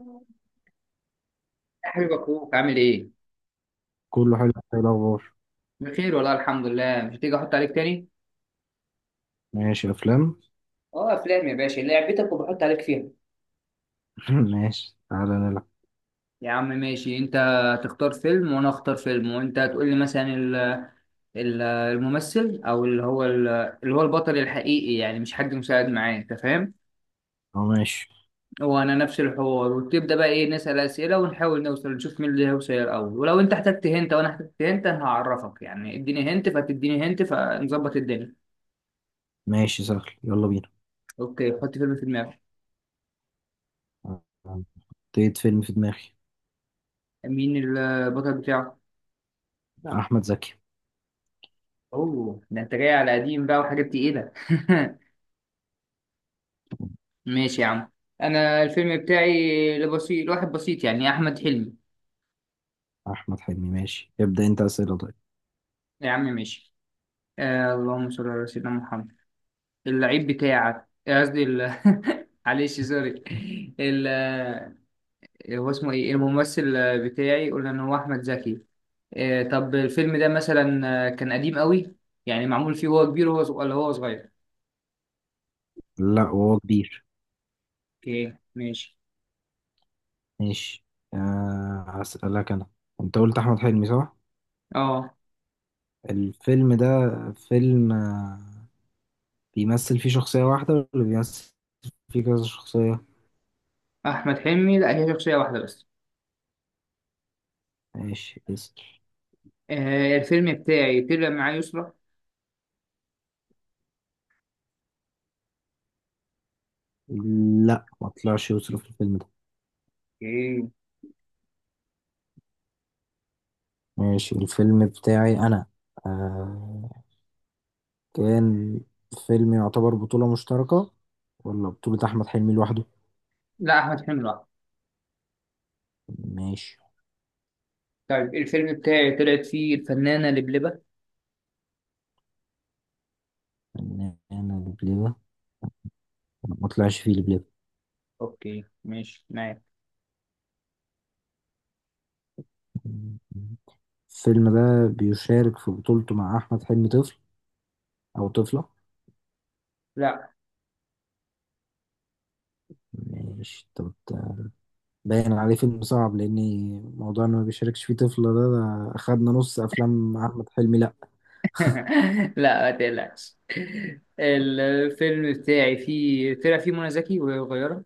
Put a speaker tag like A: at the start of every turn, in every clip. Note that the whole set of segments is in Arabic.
A: يا حبيب، اخوك عامل ايه؟
B: كله حلو. ايه الاخبار؟
A: بخير والله، الحمد لله. مش هتيجي احط عليك تاني؟
B: ماشي، افلام.
A: اه، افلام يا باشا، لعبتك وبحط عليك فيها.
B: ماشي تعالى نلعب.
A: يا عم ماشي. انت تختار فيلم وانا اختار فيلم، وانت تقول لي مثلا الممثل او اللي هو البطل الحقيقي، يعني مش حد مساعد معاه. انت فاهم؟
B: اه ماشي.
A: وانا نفس الحوار، وتبدا بقى ايه، نسال اسئله ونحاول نوصل، نشوف مين اللي هيوصل الاول. ولو انت احتجت هنت وانا احتجت هنت انا هعرفك، يعني اديني هنت فتديني هنت فنظبط الدنيا.
B: ماشي سهل، يلا بينا.
A: اوكي، حط فيلم في دماغك.
B: حطيت فيلم في دماغي.
A: مين البطل بتاعه؟
B: احمد زكي.
A: اوه، ده انت جاي على قديم بقى وحاجات تقيلة. ماشي يا عم. انا الفيلم بتاعي لواحد بسيط، يعني احمد حلمي.
B: احمد حلمي ماشي، ابدا انت اسئله. طيب.
A: يا عم ماشي. اللهم صل على سيدنا محمد. اللعيب بتاعك، قصدي معلش سوري. ال آه، هو اسمه ايه الممثل بتاعي؟ قلنا ان هو احمد زكي. طب الفيلم ده مثلا كان قديم قوي. يعني معمول فيه وهو كبير، وهو ولا هو صغير؟
B: لا، وهو كبير.
A: اوكي ماشي.
B: ماشي. آه هسألك انا، انت قلت احمد حلمي صح؟
A: اه،
B: الفيلم ده، فيلم بيمثل فيه شخصيه واحده، ولا بيمثل فيه كذا شخصيه؟
A: أحمد حلمي لا، هي شخصية واحدة بس.
B: ماشي اسأل.
A: الفيلم بتاعي طلع معاه يسرا.
B: لا، ما طلعش يوسف في الفيلم ده.
A: اوكي.
B: ماشي. الفيلم بتاعي أنا، آه كان فيلم يعتبر بطولة مشتركة، ولا بطولة أحمد حلمي لوحده؟
A: لا، أحمد حلمي لوحده.
B: ماشي.
A: طيب الفيلم بتاعي طلعت فيه الفنانة لبلبة.
B: أنا البليبة ما طلعش فيه البليبة؟
A: اوكي ماشي معاك.
B: الفيلم ده بيشارك في بطولته مع أحمد حلمي طفل أو طفلة؟
A: لا.
B: ماشي. طب ده باين عليه فيلم صعب، لأن موضوع إنه ما بيشاركش فيه طفلة ده، ده أخدنا نص أفلام أحمد حلمي. لأ.
A: لا ما تقلقش. الفيلم بتاعي فيه، طلع فيه منى زكي وهي صغيرة.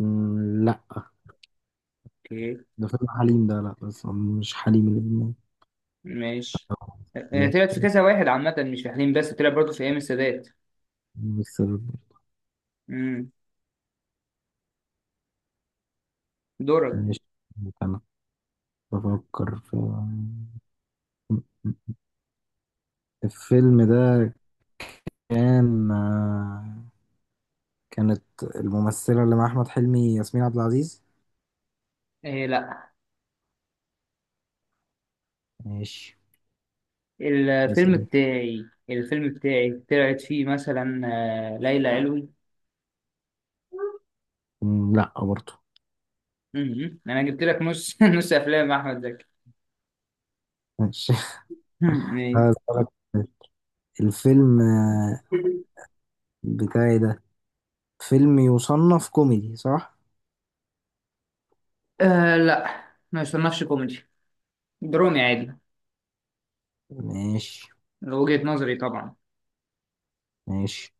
B: مم، لأ.
A: اوكي
B: ده فيلم حليم ده، لأ بس مش حليم اللي في
A: ماشي.
B: دماغي.
A: طلعت في كذا واحد عامة، مش في حليم بس، طلع برضه في أيام السادات.
B: بس.
A: مم. دورك.
B: ماشي. أنا بفكر في الفيلم ده. كان كانت الممثلة اللي مع أحمد حلمي ياسمين عبد العزيز؟
A: إيه، لا.
B: ماشي.
A: الفيلم
B: يسأل أنت.
A: بتاعي الفيلم بتاعي طلعت فيه مثلا ليلى علوي.
B: مم، لأ برضه.
A: مم. انا جبت لك نص نص افلام احمد زكي.
B: ماشي.
A: مم. إيه.
B: هسألك، الفيلم بتاعي ده فيلم يصنف كوميدي صح؟
A: آه، لا ما يصنفش كوميدي، درامي عادي.
B: ماشي.
A: وجهة نظري طبعا.
B: ماشي.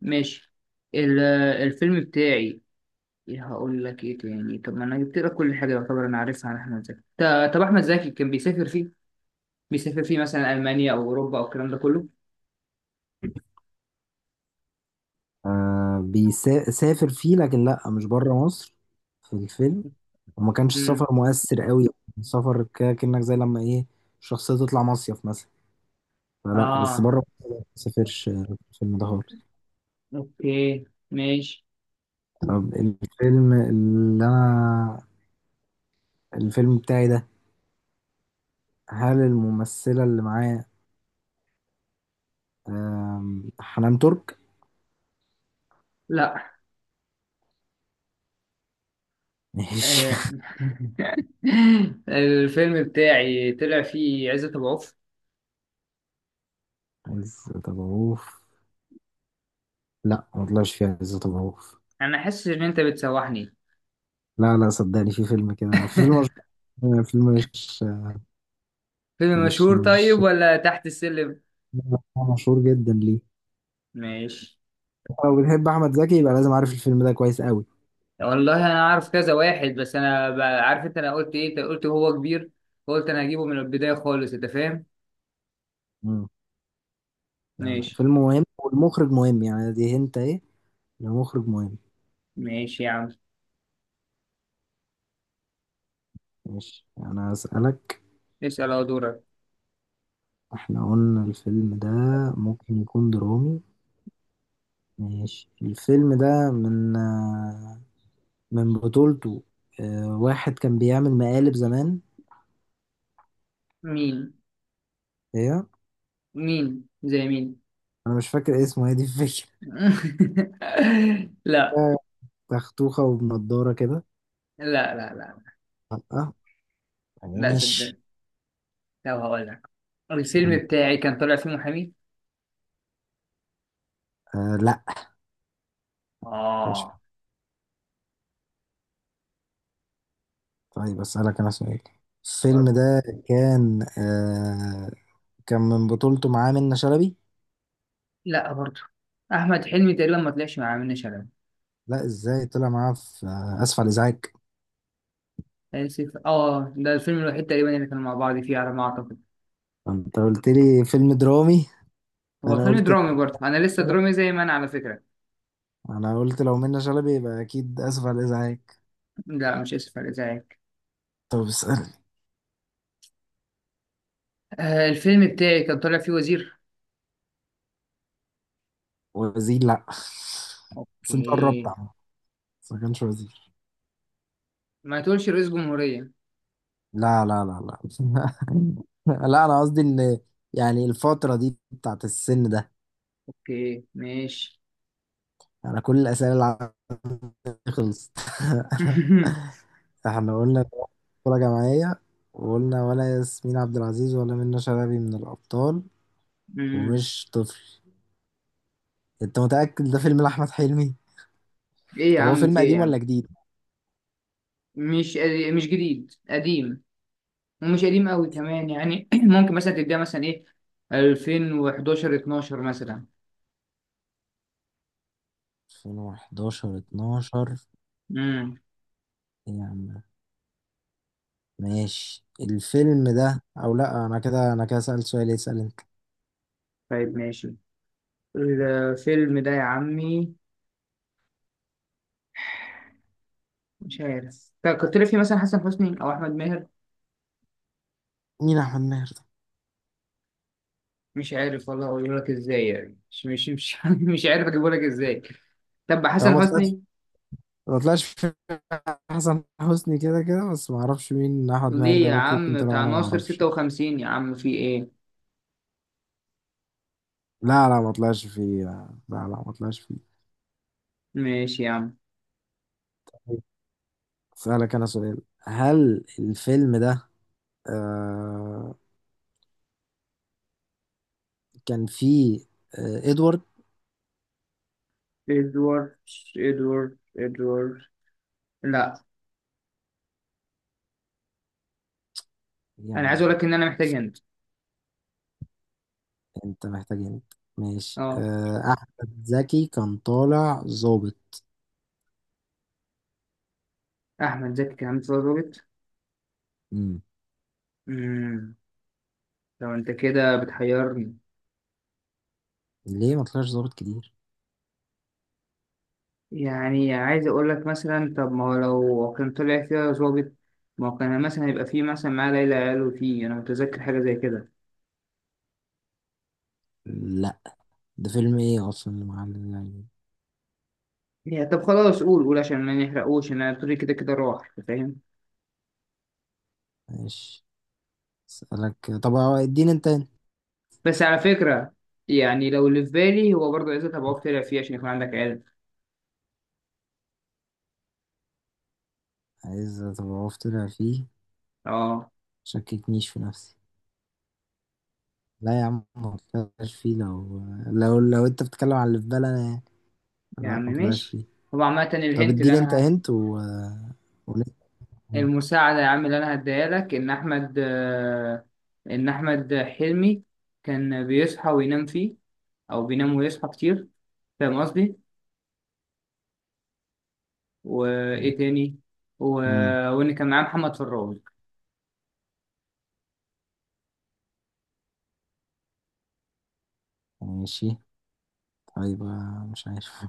A: ماشي. ال- الفيلم بتاعي، هقول لك ايه تاني، طب ما انا جبت لك كل حاجه يعتبر انا عارفها عن احمد زكي. طب احمد زكي كان بيسافر فيه مثلا المانيا او اوروبا او الكلام ده كله.
B: آه بيسافر فيه، لكن لا مش بره مصر في الفيلم. وما كانش
A: امم.
B: السفر مؤثر قوي. سفر كأنك زي لما ايه، الشخصية تطلع مصيف مثلا. فلا، بس
A: اه،
B: بره مصر لا، ما سافرش الفيلم ده خالص.
A: اوكي ماشي.
B: طب الفيلم اللي انا، الفيلم بتاعي ده، هل الممثلة اللي معاه حنان ترك؟
A: لا.
B: ماشي.
A: آه، الفيلم بتاعي طلع فيه عزت أبو عوف.
B: عزت أبو عوف؟ لا، ما طلعش فيها عزت أبو عوف.
A: أنا حاسس إن أنت بتسوحني.
B: لا لا، صدقني في فيلم كده، في فيلم مش
A: فيلم
B: مش
A: مشهور طيب
B: مش
A: ولا تحت السلم؟
B: هو مشهور جدا. ليه؟
A: ماشي.
B: لو بتحب احمد زكي يبقى لازم عارف الفيلم ده كويس قوي.
A: والله أنا عارف كذا واحد بس، أنا عارف. أنت أنا قلت إيه، أنت قلت هو كبير، قلت أنا هجيبه من البداية خالص. أنت فاهم؟
B: مم. لا لا،
A: ماشي.
B: فيلم مهم والمخرج مهم، يعني دي انت ايه، المخرج مهم.
A: ماشي يا عم.
B: ماشي. انا اسالك،
A: اسأل، أهو دورك.
B: احنا قلنا الفيلم ده ممكن يكون درامي. ماشي. الفيلم ده من من بطولته واحد كان بيعمل مقالب زمان.
A: مين؟
B: ايه،
A: مين زي مين؟
B: انا مش فاكر اسمه، هي دي الفكره.
A: لا
B: آه، تختوخه وبنضاره كده.
A: لا لا لا.
B: لا، عيني
A: لا،
B: ماشي.
A: صدقني. لو هقول لك،
B: بس
A: الفيلم
B: يعني،
A: بتاعي كان طالع فيه محامي.
B: آه لا مش.
A: اه.
B: طيب أسألك أنا سؤال، الفيلم
A: برضه.
B: ده كان كان من بطولته معاه منة شلبي؟
A: لا، برضه. احمد حلمي تقريبا ما طلعش مع منة شلبي.
B: لا إزاي طلع معاه في آه، آسف على الإزعاج.
A: اسف، اه، ده الفيلم الوحيد تقريبا اللي كانوا مع بعض فيه على ما اعتقد.
B: أنت قلت لي فيلم درامي.
A: هو
B: أنا
A: فيلم
B: قلت
A: درامي برضه، انا لسه درامي زي ما انا، على فكره.
B: أنا قلت لو منة شلبي يبقى أكيد. آسف على الإزعاج.
A: لا، مش اسف على ازعاجك.
B: طب اسأل.
A: الفيلم بتاعي كان طالع فيه وزير.
B: وزير لا. بس أنت قربت
A: اوكي.
B: عم. بس ما كانش وزير.
A: ما تقولش رئيس جمهوريه.
B: لا لا لا لا. لا أنا قصدي إن، يعني الفترة دي بتاعت السن ده.
A: اوكي ماشي.
B: أنا كل الأسئلة اللي عندي خلصت. احنا قلنا كرة جماعية، وقلنا ولا ياسمين عبد العزيز ولا منة شلبي من الأبطال،
A: مم.
B: ومش طفل. انت متأكد ده فيلم لأحمد حلمي؟
A: ايه يا
B: طب هو
A: عم
B: فيلم
A: في ايه
B: قديم
A: يا
B: ولا
A: عم؟
B: جديد؟
A: مش مش جديد، قديم. ومش قديم قوي كمان، يعني ممكن مثلا تديها مثلا ايه، 2011، 12 مثلا.
B: 2011 12؟
A: امم.
B: إيه يا عم. ماشي الفيلم ده او لا، انا كده سألت سؤال، اسأل انت.
A: طيب ماشي. الفيلم ده يا عمي، مش عارف، طب كنت لي فيه مثلا حسن حسني او احمد ماهر.
B: مين احمد ماهر ده؟
A: مش عارف والله، اقول لك ازاي يعني، مش مش مش, مش عارف اجيبه لك ازاي. طب
B: هو ما
A: حسن
B: طلعش
A: حسني،
B: ما طلعش في حسن حسني كده كده، بس ما اعرفش مين احمد ماهر
A: ليه
B: ده،
A: يا
B: ممكن يكون
A: عم،
B: طلع
A: بتاع
B: وانا ما
A: ناصر
B: اعرفش.
A: 56، يا عم في ايه.
B: لا لا، ما طلعش فيه، لا لا لا، ما طلعش فيه.
A: ماشي يا عم.
B: أسألك أنا سؤال، هل الفيلم ده آه كان فيه إدوارد؟
A: ادوارد، ادوارد، ادوارد. لا.
B: يا
A: انا عايز
B: عم
A: اقول لك ان انا محتاج هند.
B: أنت محتاج أنت. ماشي.
A: اه،
B: آه أحمد زكي كان طالع ظابط؟
A: احمد زكي كان عامل فيلم.
B: امم.
A: امم. طب انت كده بتحيرني.
B: ليه، ما طلعش ظابط كتير؟
A: يعني عايز اقول لك مثلا، طب ما هو لو كان طلع فيها ظابط، ما هو كان مثلا يبقى فيه مثلا معاه ليلى قالوا فيه، انا متذكر حاجه زي كده.
B: لا، ده فيلم إيه أصلا اللي معلم يعني.
A: يا طب خلاص، قول قول عشان ما نحرقوش، انا الطريق كده كده راح. أنت فاهم؟
B: ماشي. أسألك، طب هو اديني أنت.
A: بس على فكره، يعني لو اللي في بالي هو برضه، عايز ابقى طلع فيه عشان يكون عندك علم.
B: عايز طب أعرف طلع فيه،
A: اه.
B: شككنيش في نفسي. لا يا عم ما طلعش فيه، لو أنت بتتكلم على اللي في بالي أنا يعني، لا ما
A: يعني
B: طلعش
A: ماشي.
B: فيه.
A: هو عامه
B: طب
A: الهنت اللي
B: اديني انت
A: انا.
B: هنت و ولسه كمان.
A: المساعدة يا عم اللي أنا هديها لك، إن أحمد آه، إن أحمد حلمي كان بيصحى وينام فيه، أو بينام ويصحى كتير. فاهم قصدي؟ وإيه تاني؟ و...
B: مم.
A: وإن كان معاه محمد فراج.
B: ماشي. طيب مش عارف.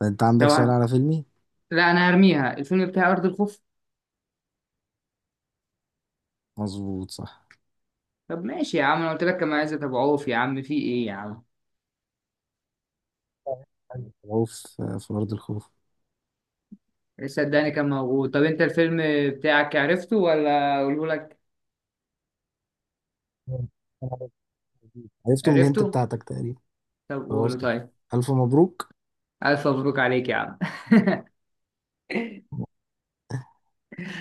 B: طب انت عندك سؤال
A: طبعا.
B: على فيلمي؟
A: لا، أنا هرميها، الفيلم بتاع أرض الخوف.
B: مظبوط صح.
A: طب ماشي يا عم، أنا قلت لك كان معاه عزت أبو عوف، يا عم في إيه يا عم؟
B: خوف، في أرض الخوف.
A: صدقني كان موجود. طب أنت الفيلم بتاعك عرفته ولا أقوله لك؟
B: عرفته من الهنت
A: عرفته؟
B: بتاعتك تقريبا.
A: طب
B: خلاص،
A: قوله طيب.
B: ألف مبروك.
A: ألف مبروك عليك يا عم.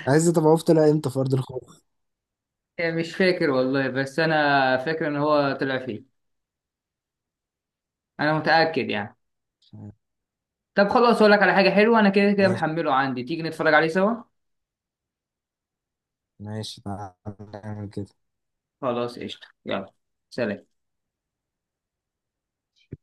B: عايز طب عرفت طلع امتى في أرض الخوف.
A: يعني مش فاكر والله، بس انا فاكر ان هو طلع فيه، انا متاكد يعني. طب خلاص، اقول لك على حاجه حلوه، انا كده كده
B: ماشي.
A: محمله عندي، تيجي نتفرج عليه سوا.
B: ماشي تعال نعمل كده.
A: خلاص قشطه، يلا سلام.